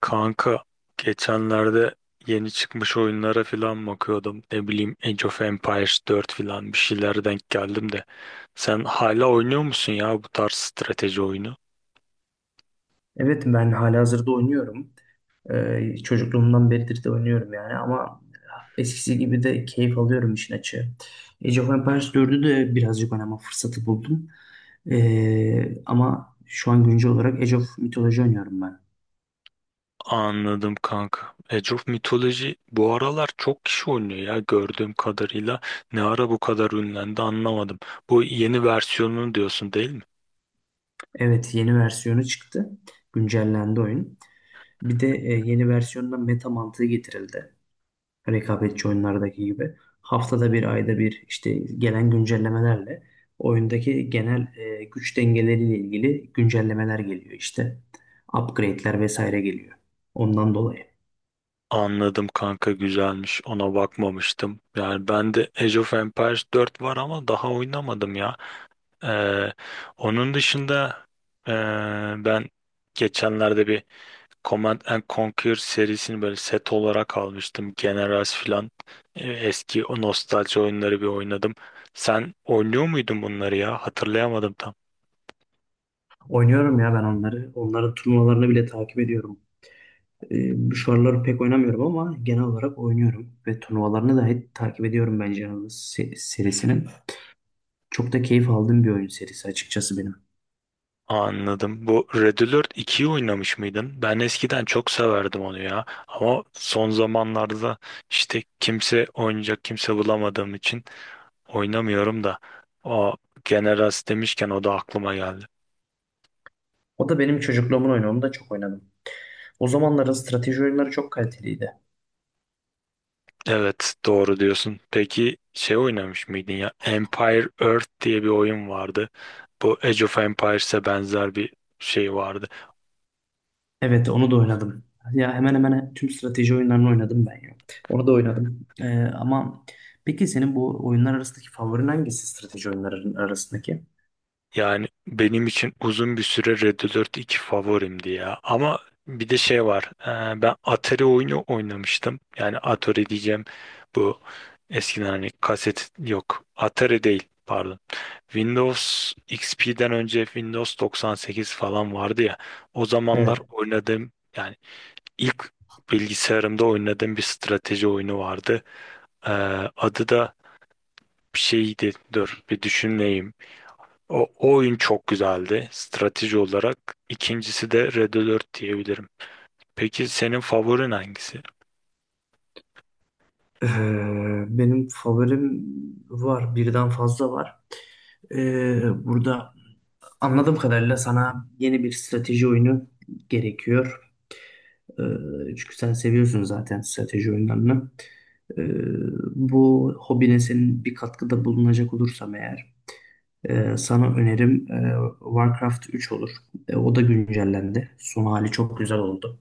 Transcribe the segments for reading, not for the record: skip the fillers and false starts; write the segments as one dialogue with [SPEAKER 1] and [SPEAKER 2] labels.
[SPEAKER 1] Kanka geçenlerde yeni çıkmış oyunlara falan bakıyordum. Ne bileyim Age of Empires 4 falan bir şeylere denk geldim de. Sen hala oynuyor musun ya bu tarz strateji oyunu?
[SPEAKER 2] Evet ben halihazırda oynuyorum. Çocukluğumdan beridir de oynuyorum yani ama eskisi gibi de keyif alıyorum işin açığı. Age of Empires 4'ü de birazcık oynama fırsatı buldum. Ama şu an güncel olarak Age of Mythology oynuyorum ben.
[SPEAKER 1] Anladım kanka. Age of Mythology bu aralar çok kişi oynuyor ya gördüğüm kadarıyla. Ne ara bu kadar ünlendi anlamadım. Bu yeni versiyonunu diyorsun değil mi?
[SPEAKER 2] Evet yeni versiyonu çıktı. Güncellendi oyun. Bir de yeni versiyonda meta mantığı getirildi. Rekabetçi oyunlardaki gibi haftada bir ayda bir işte gelen güncellemelerle oyundaki genel güç dengeleriyle ilgili güncellemeler geliyor işte. Upgrade'ler vesaire geliyor. Ondan dolayı.
[SPEAKER 1] Anladım kanka, güzelmiş. Ona bakmamıştım. Yani ben de Age of Empires 4 var ama daha oynamadım ya. Ee, Onun dışında ee, ben geçenlerde bir Command and Conquer serisini böyle set olarak almıştım. Generals filan. Eski o nostalji oyunları bir oynadım. Sen oynuyor muydun bunları ya? Hatırlayamadım tam.
[SPEAKER 2] Oynuyorum ya ben onları. Onların turnuvalarını bile takip ediyorum. Şu aralar pek oynamıyorum ama genel olarak oynuyorum ve turnuvalarını da hep takip ediyorum bence serisinin. Çok da keyif aldığım bir oyun serisi açıkçası benim.
[SPEAKER 1] Anladım. Bu Red Alert 2'yi oynamış mıydın? Ben eskiden çok severdim onu ya. Ama son zamanlarda işte kimse oynayacak kimse bulamadığım için oynamıyorum da. O Generals demişken o da aklıma geldi.
[SPEAKER 2] O da benim çocukluğumun oyunu. Onu da çok oynadım. O zamanların strateji oyunları çok kaliteliydi.
[SPEAKER 1] Evet, doğru diyorsun. Peki şey oynamış mıydın ya? Empire Earth diye bir oyun vardı. Bu Age of Empires'e benzer bir şey vardı.
[SPEAKER 2] Evet, onu da oynadım. Ya hemen hemen tüm strateji oyunlarını oynadım ben ya. Onu da oynadım. Ama peki senin bu oyunlar arasındaki favorin hangisi, strateji oyunlarının arasındaki?
[SPEAKER 1] Yani benim için uzun bir süre Red Alert iki favorimdi ya. Ama bir de şey var. Ben Atari oyunu oynamıştım. Yani Atari diyeceğim, bu eskiden hani kaset yok. Atari değil, pardon. Windows XP'den önce Windows 98 falan vardı ya. O zamanlar
[SPEAKER 2] Evet.
[SPEAKER 1] oynadığım, yani İlk bilgisayarımda oynadığım bir strateji oyunu vardı. Ee, Adı da bir şeydi. Dur bir düşüneyim. O oyun çok güzeldi strateji olarak. İkincisi de Red Alert diyebilirim. Peki senin favorin hangisi?
[SPEAKER 2] Ee, Benim favorim var. Birden fazla var. Burada anladığım kadarıyla sana yeni bir strateji oyunu gerekiyor. Çünkü sen seviyorsun zaten strateji oyunlarını. Ee, Bu hobine senin bir katkıda bulunacak olursam eğer sana önerim Warcraft 3 olur. O da güncellendi. Son hali çok güzel oldu.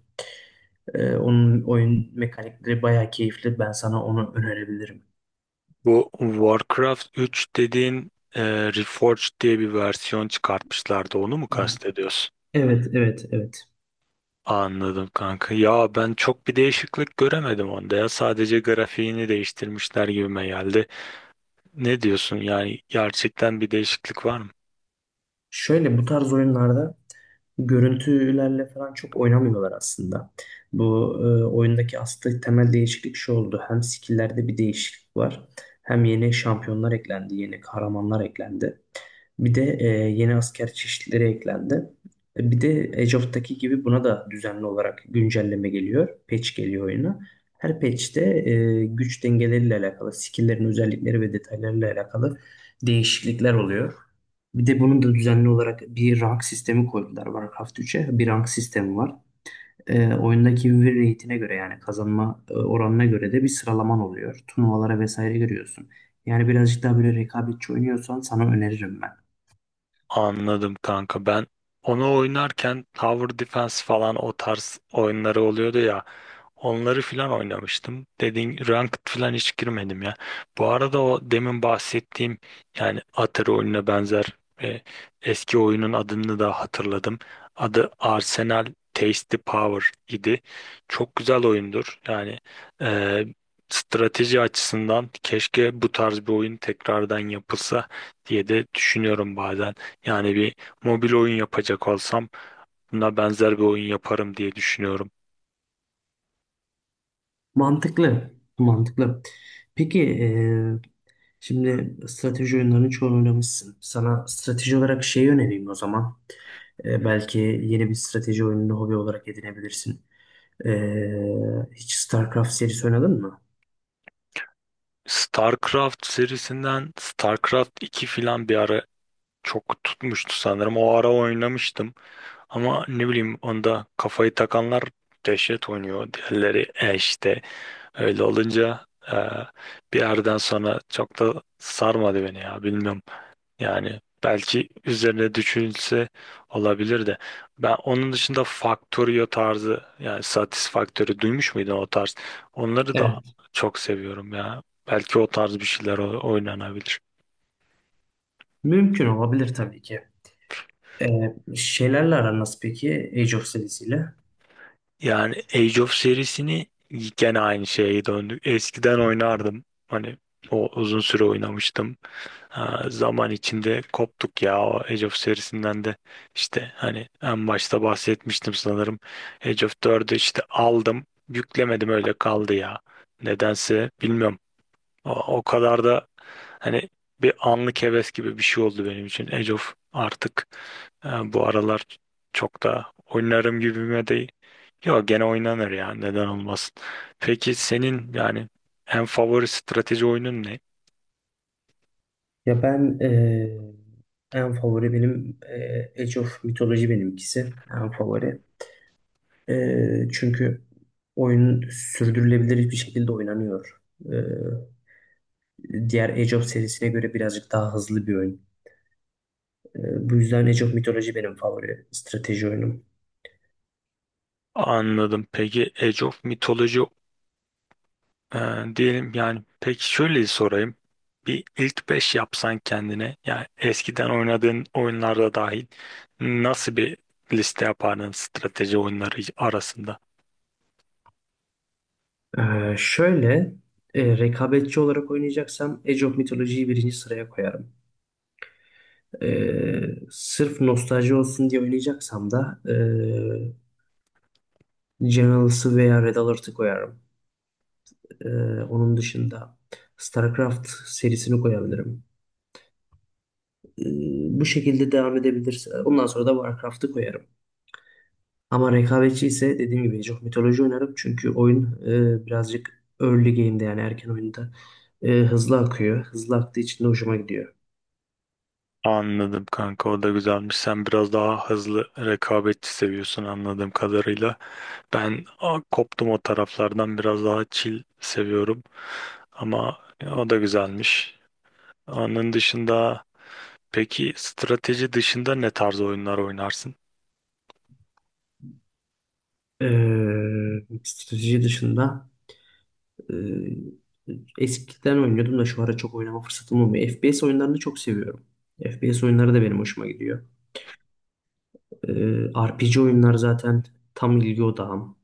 [SPEAKER 2] Onun oyun mekanikleri bayağı keyifli. Ben sana onu önerebilirim.
[SPEAKER 1] Bu Warcraft 3 dediğin, Reforged diye bir versiyon çıkartmışlardı. Onu mu kastediyorsun?
[SPEAKER 2] Evet, evet, evet.
[SPEAKER 1] Anladım kanka. Ya ben çok bir değişiklik göremedim onda ya. Sadece grafiğini değiştirmişler gibime geldi. Ne diyorsun, yani gerçekten bir değişiklik var mı?
[SPEAKER 2] Şöyle, bu tarz oyunlarda görüntülerle falan çok oynamıyorlar aslında. Bu oyundaki aslında temel değişiklik şu oldu. Hem skill'lerde bir değişiklik var. Hem yeni şampiyonlar eklendi, yeni kahramanlar eklendi. Bir de yeni asker çeşitleri eklendi. Bir de Age of'taki gibi buna da düzenli olarak güncelleme geliyor. Patch geliyor oyuna. Her patch'te güç dengeleriyle alakalı, skill'lerin özellikleri ve detaylarıyla alakalı değişiklikler oluyor. Bir de bunun da düzenli olarak bir rank sistemi koydular Warcraft 3'e. Bir rank sistemi var. Oyundaki win rate'ine göre yani kazanma oranına göre de bir sıralaman oluyor. Turnuvalara vesaire giriyorsun. Yani birazcık daha böyle rekabetçi oynuyorsan sana öneririm ben.
[SPEAKER 1] Anladım kanka, ben onu oynarken Tower Defense falan o tarz oyunları oluyordu ya. Onları filan oynamıştım. Dediğin ranked filan hiç girmedim ya. Bu arada o demin bahsettiğim, yani Atari oyununa benzer e, eski oyunun adını da hatırladım. Adı Arsenal Tasty Power idi. Çok güzel oyundur. Yani e, strateji açısından keşke bu tarz bir oyun tekrardan yapılsa diye de düşünüyorum bazen. Yani bir mobil oyun yapacak olsam buna benzer bir oyun yaparım diye düşünüyorum.
[SPEAKER 2] Mantıklı. Mantıklı. Peki e, şimdi strateji oyunlarının çoğunu oynamışsın. Sana strateji olarak şey önereyim o zaman. Belki yeni bir strateji oyununu hobi olarak edinebilirsin. Hiç StarCraft serisi oynadın mı?
[SPEAKER 1] StarCraft serisinden StarCraft 2 filan bir ara çok tutmuştu sanırım. O ara oynamıştım. Ama ne bileyim onda kafayı takanlar dehşet oynuyor. Diğerleri işte öyle olunca e, bir yerden sonra çok da sarmadı beni ya. Bilmiyorum. Yani belki üzerine düşünülse olabilir de. Ben onun dışında Factorio tarzı, yani Satisfactory duymuş muydun o tarz? Onları da
[SPEAKER 2] Evet.
[SPEAKER 1] çok seviyorum ya. Belki o tarz bir şeyler oynanabilir.
[SPEAKER 2] Mümkün olabilir tabii ki. Şeylerle aran nasıl peki Age of serisiyle?
[SPEAKER 1] Yani Age of serisini, gene aynı şeye döndük. Eskiden oynardım. Hani o uzun süre oynamıştım. Ha, zaman içinde koptuk ya o Age of serisinden de. İşte hani en başta bahsetmiştim sanırım, Age of 4'ü işte aldım, yüklemedim, öyle kaldı ya nedense, bilmiyorum. O, o kadar da hani bir anlık heves gibi bir şey oldu benim için Age of artık. Bu aralar çok da oynarım gibime değil, yok gene oynanır ya, neden olmasın. Peki senin yani en favori strateji oyunun ne?
[SPEAKER 2] Ya ben en favori benim Age of Mythology benimkisi. En favori. Çünkü oyun sürdürülebilir bir şekilde oynanıyor. E, Diğer Age of serisine göre birazcık daha hızlı bir oyun. Bu yüzden Age of Mythology benim favori strateji oyunum.
[SPEAKER 1] Anladım. Peki Age of Mythology, e, diyelim yani, peki şöyle sorayım. Bir ilk 5 yapsan kendine, yani eskiden oynadığın oyunlarda dahil, nasıl bir liste yapardın strateji oyunları arasında?
[SPEAKER 2] Ee, Şöyle, rekabetçi olarak oynayacaksam Age of Mythology'yi birinci sıraya koyarım. Sırf nostalji olsun diye oynayacaksam da Generals'ı veya Red Alert'ı koyarım. Ee, Onun dışında StarCraft serisini koyabilirim. Ee, Bu şekilde devam edebilirsin. Ondan sonra da Warcraft'ı koyarım. Ama rekabetçi ise dediğim gibi Age of Mythology oynarım. Çünkü oyun birazcık early game'de yani erken oyunda hızlı akıyor. Hızlı aktığı için de hoşuma gidiyor.
[SPEAKER 1] Anladım kanka, o da güzelmiş. Sen biraz daha hızlı rekabetçi seviyorsun anladığım kadarıyla. Ben koptum o taraflardan, biraz daha chill seviyorum. Ama o da güzelmiş. Onun dışında. Peki strateji dışında ne tarz oyunlar oynarsın?
[SPEAKER 2] E, Strateji dışında e, eskiden oynuyordum da şu ara çok oynama fırsatım olmuyor. FPS oyunlarını çok seviyorum. FPS oyunları da benim hoşuma gidiyor. E, RPG oyunlar zaten tam ilgi odağım.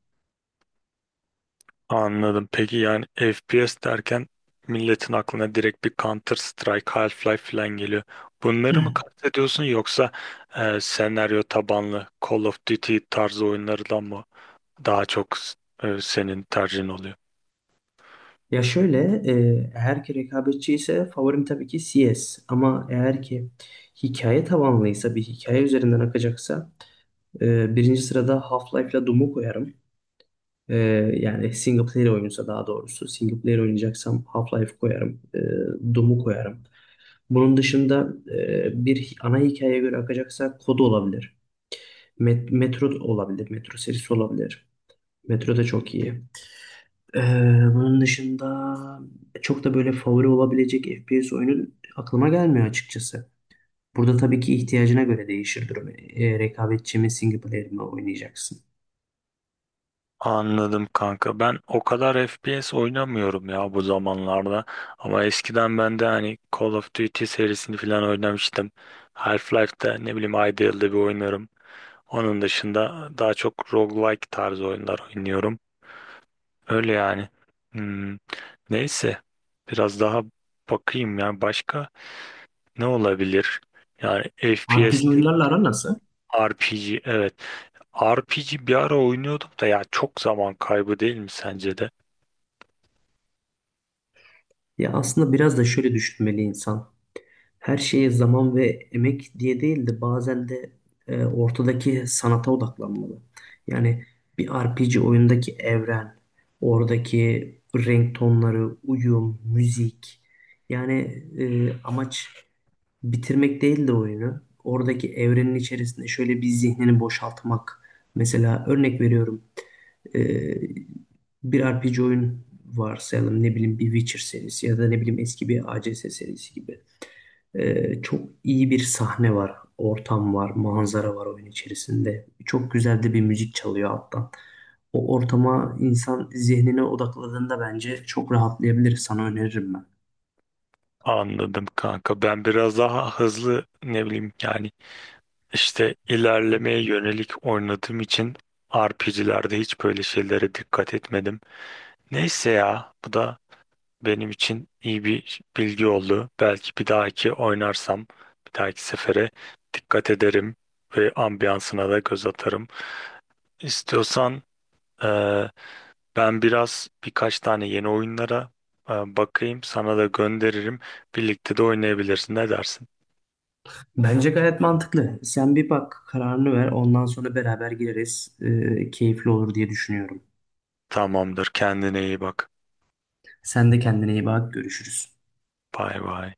[SPEAKER 1] Anladım. Peki yani FPS derken milletin aklına direkt bir Counter Strike, Half-Life falan geliyor. Bunları mı kastediyorsun yoksa senaryo tabanlı Call of Duty tarzı oyunlardan mı daha çok senin tercihin oluyor?
[SPEAKER 2] Ya şöyle, e, eğer ki rekabetçi ise favorim tabii ki CS. Ama eğer ki hikaye tabanlıysa, bir hikaye üzerinden akacaksa, birinci sırada Half-Life'la Doom'u koyarım. E, Yani single player oyunsa daha doğrusu. Single player oynayacaksam Half-Life koyarım. Doom'u koyarım. Bunun dışında ana hikayeye göre akacaksa Kod olabilir. Metro olabilir. Metro serisi olabilir. Metro da çok iyi. Ee, Bunun dışında çok da böyle favori olabilecek FPS oyunu aklıma gelmiyor açıkçası. Burada tabii ki ihtiyacına göre değişir durum. Rekabetçi mi, single player mi oynayacaksın?
[SPEAKER 1] Anladım kanka. Ben o kadar FPS oynamıyorum ya bu zamanlarda. Ama eskiden ben de hani Call of Duty serisini falan oynamıştım. Half-Life'da ne bileyim ayda yılda bir oynarım. Onun dışında daha çok roguelike tarzı oyunlar oynuyorum. Öyle yani. Hmm, neyse. Biraz daha bakayım ya. Başka ne olabilir? Yani FPS
[SPEAKER 2] RPG
[SPEAKER 1] değil.
[SPEAKER 2] oyunlarla aran nasıl?
[SPEAKER 1] RPG, evet. RPG bir ara oynuyordum da ya, çok zaman kaybı değil mi sence de?
[SPEAKER 2] Ya aslında biraz da şöyle düşünmeli insan. Her şeye zaman ve emek diye değil de bazen de ortadaki sanata odaklanmalı. Yani bir RPG oyundaki evren, oradaki renk tonları, uyum, müzik. Yani amaç bitirmek değil de oyunu. Oradaki evrenin içerisinde şöyle bir zihnini boşaltmak. Mesela örnek veriyorum. Ee, Bir RPG oyun varsayalım, ne bileyim bir Witcher serisi ya da ne bileyim eski bir ACS serisi gibi. Çok iyi bir sahne var, ortam var, manzara var oyun içerisinde. Çok güzel de bir müzik çalıyor alttan. O ortama insan zihnine odakladığında bence çok rahatlayabilir. Sana öneririm ben.
[SPEAKER 1] Anladım kanka. Ben biraz daha hızlı, ne bileyim yani işte ilerlemeye yönelik oynadığım için RPG'lerde hiç böyle şeylere dikkat etmedim. Neyse ya, bu da benim için iyi bir bilgi oldu. Belki bir dahaki sefere dikkat ederim ve ambiyansına da göz atarım. İstiyorsan eee, ben biraz birkaç tane yeni oyunlara bakayım, sana da gönderirim. Birlikte de oynayabilirsin. Ne dersin?
[SPEAKER 2] Bence gayet mantıklı. Sen bir bak, kararını ver. Ondan sonra beraber gireriz. Keyifli olur diye düşünüyorum.
[SPEAKER 1] Tamamdır. Kendine iyi bak.
[SPEAKER 2] Sen de kendine iyi bak. Görüşürüz.
[SPEAKER 1] Bay bay.